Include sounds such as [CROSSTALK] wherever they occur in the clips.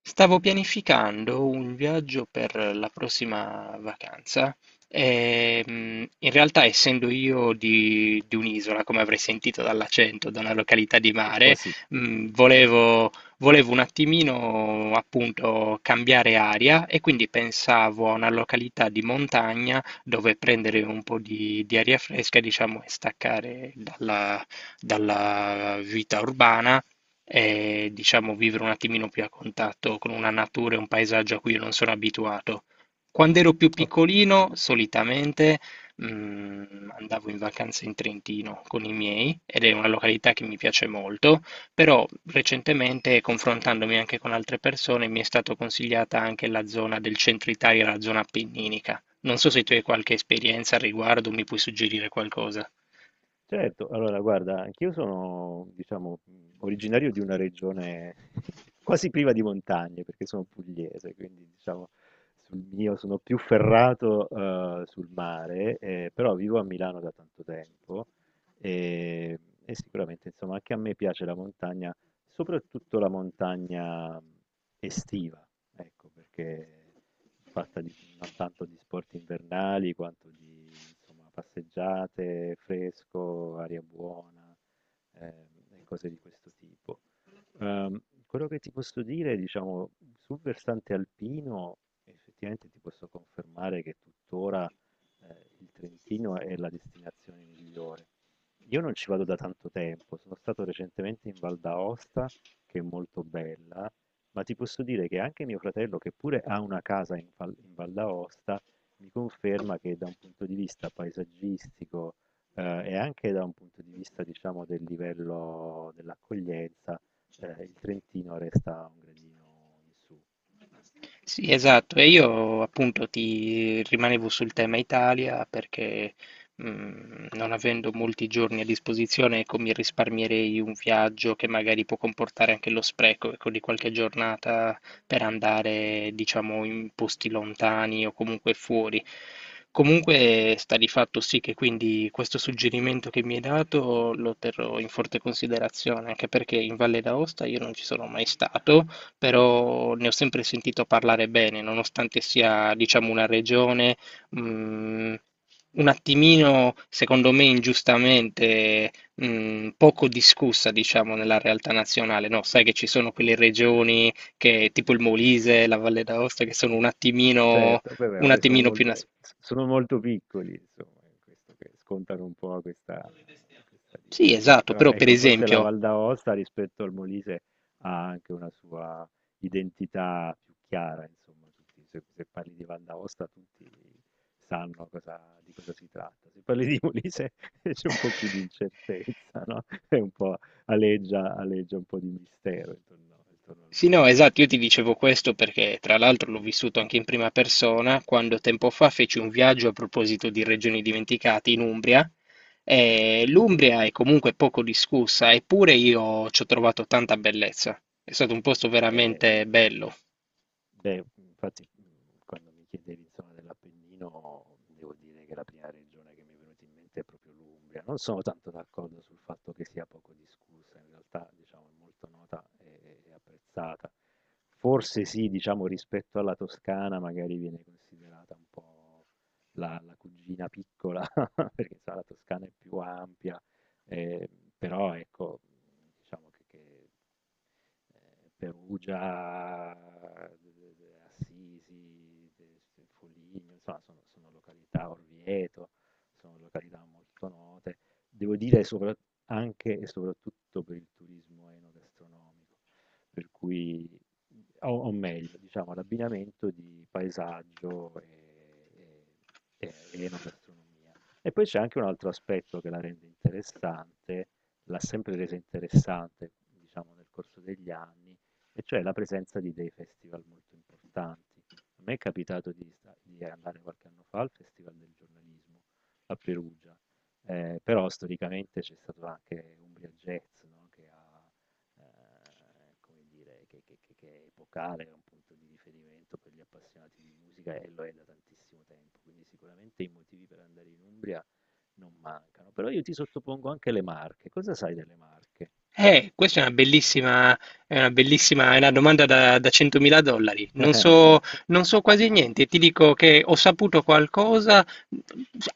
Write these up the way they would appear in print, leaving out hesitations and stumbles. Stavo pianificando un viaggio per la prossima vacanza e in realtà essendo io di un'isola, come avrei sentito dall'accento, da una località di Così. Oh, mare, sì, mm, volevo, volevo un attimino appunto cambiare aria e quindi pensavo a una località di montagna dove prendere un po' di aria fresca, diciamo, e staccare dalla vita urbana e diciamo vivere un attimino più a contatto con una natura e un paesaggio a cui io non sono abituato. Quando ero più ok, piccolino, solitamente andavo in vacanza in Trentino con i miei ed è una località che mi piace molto, però recentemente, confrontandomi anche con altre persone, mi è stata consigliata anche la zona del centro Italia, la zona appenninica. Non so se tu hai qualche esperienza al riguardo, mi puoi suggerire qualcosa. certo, allora guarda, anch'io sono, diciamo, originario di una regione [LAUGHS] quasi priva di montagne, perché sono pugliese, quindi diciamo, sul mio sono più ferrato sul mare, però vivo a Milano da tanto tempo e, e sicuramente, insomma, anche a me piace la montagna, soprattutto la montagna estiva, ecco, perché fatta di non tanto di sport invernali quanto di, insomma, passeggiate, fresco, aria buona e cose di questo tipo. Ehm, quello che ti posso dire, diciamo, sul versante alpino, effettivamente ti posso confermare che tuttora il Trentino è la destinazione migliore. Io non ci vado da tanto tempo, sono stato recentemente in Val d'Aosta, che è molto bella, ma ti posso dire che anche mio fratello, che pure ha una casa in Val d'Aosta, mi conferma che da un punto di vista paesaggistico, e anche da un punto di vista, diciamo, del livello dell'accoglienza, il Trentino resta un gradino in su. Sì, esatto, e io appunto ti rimanevo sul tema Italia perché non avendo molti giorni a disposizione, ecco, mi risparmierei un viaggio che magari può comportare anche lo spreco, ecco, di qualche giornata per andare, diciamo, in posti lontani o comunque fuori. Comunque sta di fatto sì che quindi questo suggerimento che mi hai dato lo terrò in forte considerazione, anche perché in Valle d'Aosta io non ci sono mai stato però ne ho sempre sentito parlare bene, nonostante sia, diciamo, una regione, mh, un attimino, secondo me, ingiustamente, poco discussa, diciamo, nella realtà nazionale, no? Sai che ci Mm. sono quelle regioni che, tipo il Molise, la Valle d'Aosta, che sono Certo, beh, beh, un vabbè, sono attimino più... molto eh, s sono molto piccoli, insomma, in questo che scontano un po' questa Sì, dimensione. esatto, Però però per ecco, forse la esempio... Val d'Aosta rispetto al Molise ha anche una sua identità più chiara, insomma, tutti se parli di Val d'Aosta tutti sanno cosa di cosa si tratta. Se parli di Molise [LAUGHS] c'è un po' più di incertezza, no, è un po' aleggia un po' di mistero intorno al Sì, no, Molise. esatto, io ti dicevo questo perché tra l'altro l'ho vissuto anche in prima persona quando tempo fa feci un viaggio a proposito di regioni dimenticate in Umbria. E Sì, L'Umbria è comunque poco discussa, eppure io ci ho trovato tanta bellezza. È stato un posto beh veramente bello. Beh, infatti, quando mi chiedevi insomma dell'Appennino, devo dire che la prima regione che mi è venuta in mente è proprio l'Umbria. Non sono tanto d'accordo sul fatto che sia poco discussa, in realtà diciamo è molto nota e apprezzata. Forse sì, diciamo rispetto alla Toscana magari viene considerata un po' la cugina piccola, [LAUGHS] perché sai la Toscana è più ampia, eh, però ecco, diciamo che, Perugia, eh, Assisi, Foligno, insomma, sono località, Orvieto, sono località molto note. Devo dire sopra- Anche e soprattutto per il turismo enogastronomico, per cui, o meglio, diciamo, l'abbinamento di paesaggio e enogastronomia. E poi c'è anche un altro aspetto che la rende interessante, l'ha sempre resa interessante, diciamo, nel corso degli anni, e cioè la presenza di dei festival molto importanti. A me è capitato di andare qualche anno fa al Festival del giornalismo a Perugia, però storicamente c'è stato anche Umbria Jazz, no, che ha come dire, che è epocale, è un punto di riferimento per gli appassionati di musica e lo è da tantissimo tempo, quindi sicuramente i motivi per andare in Umbria non mancano. Però io ti sottopongo anche le Marche. Cosa sai delle Marche? Questa è una bellissima, è una bellissima, è una domanda da 100.000 dollari. [LAUGHS] Non so quasi niente, ti dico che ho saputo qualcosa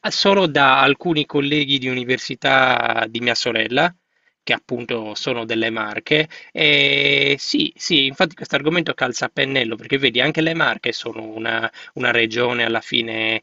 solo da alcuni colleghi di università di mia sorella, che appunto Mh-mh. sono delle Marche. E sì, sì, infatti questo argomento calza a pennello, perché vedi, anche le Marche sono una regione alla fine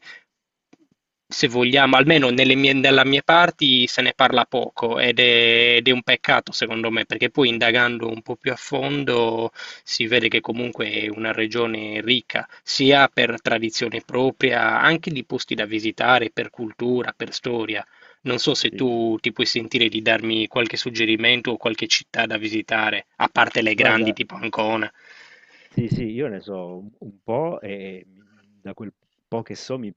se vogliamo, almeno nella mia parte se ne parla poco ed è un peccato secondo me, perché poi indagando un po' più a fondo si vede che comunque è una regione ricca, sia per tradizione propria, anche di posti da visitare, per cultura, per storia. Non so se Sì. tu ti puoi sentire di darmi qualche suggerimento o qualche città da visitare, a parte le grandi Guarda, tipo Ancona. sì, sì, io ne so un po' e da quel po' che so mi,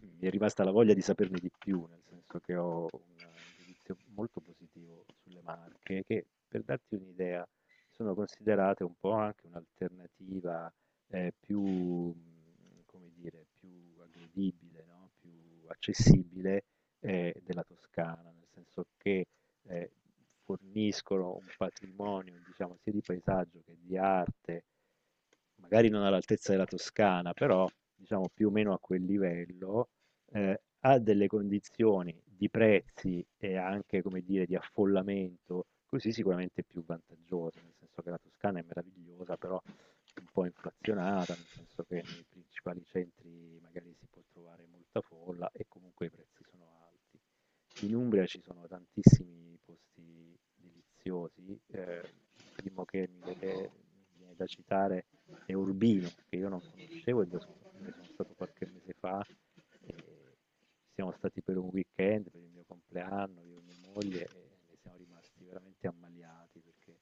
mi è rimasta la voglia di saperne di più, nel senso che ho un giudizio molto positivo sulle Marche, che per darti un'idea sono considerate un po' anche un'alternativa più, come dire, più aggredibile, no? Più accessibile della Toscana, nel senso che eh, forniscono un patrimonio, diciamo, sia di paesaggio che di arte magari non all'altezza della Toscana, però diciamo più o meno a quel livello, eh, ha delle condizioni di prezzi e anche, come dire, di affollamento, così sicuramente più vantaggiosa, nel senso che la Toscana è meravigliosa, però è un po' inflazionata, nel senso che nei principali centri magari si può trovare molta folla e comunque i prezzi sono alti. In Umbria ci sono tantissimi posti deliziosi, il primo che mi viene da citare e Urbino, che io non conoscevo e dove sono stato qualche mese fa. E ci siamo stati per un weekend, per il mio compleanno, io e mia moglie, e ne siamo rimasti veramente ammaliati perché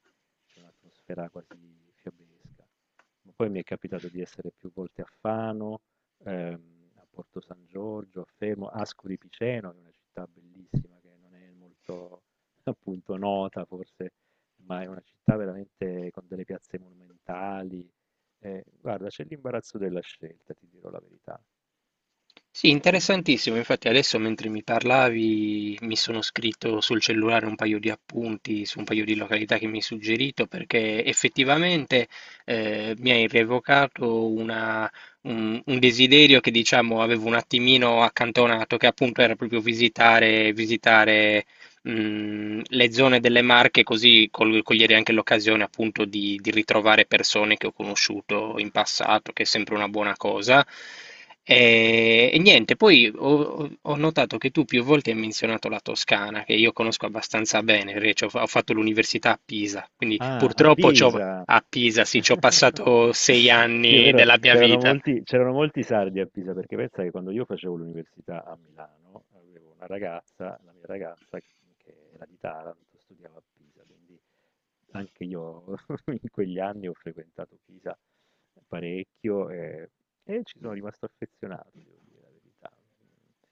c'è un'atmosfera quasi fiabesca. Ma poi mi è capitato di essere più volte a Fano, a Porto San Giorgio, a Fermo, Ascoli Piceno, che è una città bellissima che non è molto [LAUGHS] appunto nota forse, ma è una città veramente con delle piazze monumentali, guarda, c'è l'imbarazzo della scelta, ti dirò la verità. Sì, interessantissimo. Infatti adesso mentre mi parlavi mi sono scritto sul cellulare un paio di appunti su un paio di località che mi hai suggerito perché effettivamente mi hai rievocato un desiderio che diciamo avevo un attimino accantonato, che appunto era proprio visitare le zone delle Marche, così cogliere anche l'occasione appunto di ritrovare persone che ho conosciuto in passato, che è sempre una buona cosa. E niente, ho notato che tu più volte hai menzionato la Toscana, che io conosco abbastanza Sì. bene, perché ho fatto l'università a Pisa, quindi Ah, a purtroppo Pisa! a Pisa, sì, ci ho [LAUGHS] passato sei Sì, è anni vero, della mia c'erano vita. molti, c'erano molti sardi a Pisa, perché pensa che quando io facevo l'università a Milano, avevo una ragazza, la mia ragazza, che era di Taranto, studiava a Pisa, quindi anche io [LAUGHS] in quegli anni ho frequentato Pisa parecchio e ci sono rimasto affezionato, devo dire la verità.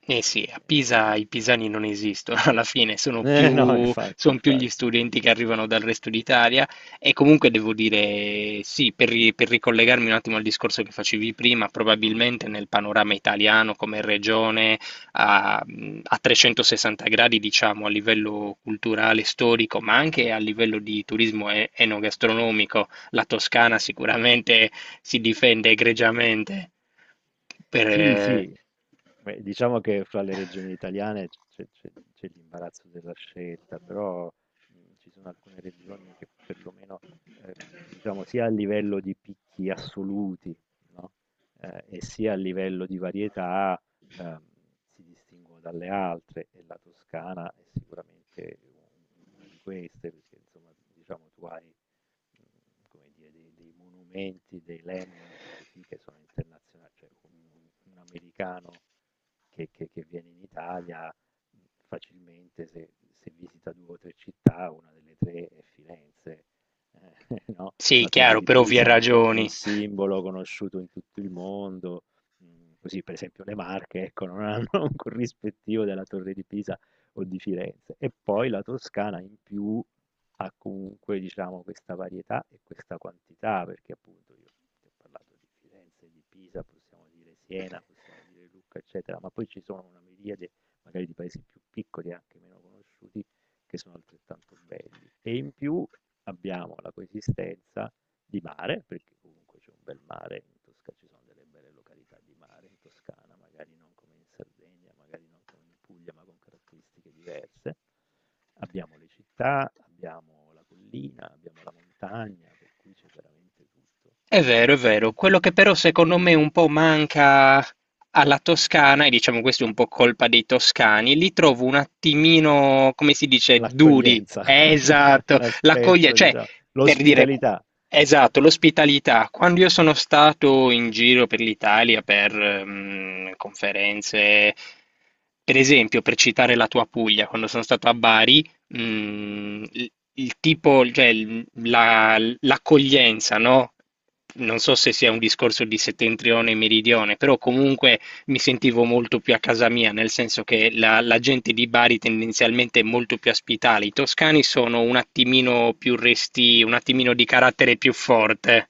Eh sì, a Pisa i pisani non esistono, [LAUGHS] alla fine sono No, più, infatti, son più gli infatti. studenti che arrivano dal resto d'Italia e comunque devo dire sì, per ricollegarmi un attimo al discorso che facevi prima, probabilmente nel panorama italiano come regione a, a 360 gradi, diciamo, a livello culturale, storico, ma anche a livello di turismo enogastronomico, la Toscana sicuramente si difende egregiamente per, Sì, eh, sì, beh, diciamo che fra le regioni italiane c'è l'imbarazzo della scelta, però ci sono alcune regioni che perlomeno, ehm, diciamo, sia a livello di picchi assoluti, no? E sia a livello di varietà, ehm, si distinguono dalle altre, e la Toscana è sicuramente una di queste, perché insomma, diciamo, tu hai come dire, dei monumenti, dei landmark così che sono internazionali, cioè un americano che che viene in Italia, mhmm, facilmente se visita 2 o 3 città, una delle 3 è Firenze. ehm sì, la Torre chiaro, di per ovvie Pisa è un ragioni. simbolo conosciuto in tutto il mondo, così per esempio le Marche, ecco, non hanno [LAUGHS] un corrispettivo della Torre di Pisa o di Firenze. E poi la Toscana in più ha comunque, diciamo, questa varietà e questa quantità, perché appunto io ti ho parlato di Firenze, di Pisa, possiamo dire Siena, possiamo dire Lucca, eccetera, ma poi ci sono una miriade magari di paesi più piccoli, anche meno conosciuti, che sono altrettanto belli. E in più abbiamo la coesistenza di mare, perché comunque c'è un bel mare in Toscana, ci sono delle belle località di mare in Toscana, magari non come in Sardegna, magari non come in Puglia, ma con caratteristiche diverse. Abbiamo le città, abbiamo la collina, abbiamo la montagna, per cui c'è veramente tutto. È vero, è vero. Quello che però secondo me un po' manca alla Toscana, e diciamo questo è un po' colpa dei toscani, li trovo un attimino, come si dice, duri. L'accoglienza, [LAUGHS] Esatto, l'accoglie, l'aspetto, cioè, diciamo, per dire, l'ospitalità. esatto, l'ospitalità. Quando io sono stato in giro per l'Italia per conferenze, per esempio, per citare la tua Puglia, quando sono stato a Bari, Mh-mh. Il tipo, cioè l'accoglienza, no? Non so se sia un discorso di settentrione e meridione, però comunque mi sentivo molto più a casa mia, nel senso che la gente di Bari tendenzialmente è molto più ospitale. I toscani sono un attimino più resti, un attimino di carattere più forte.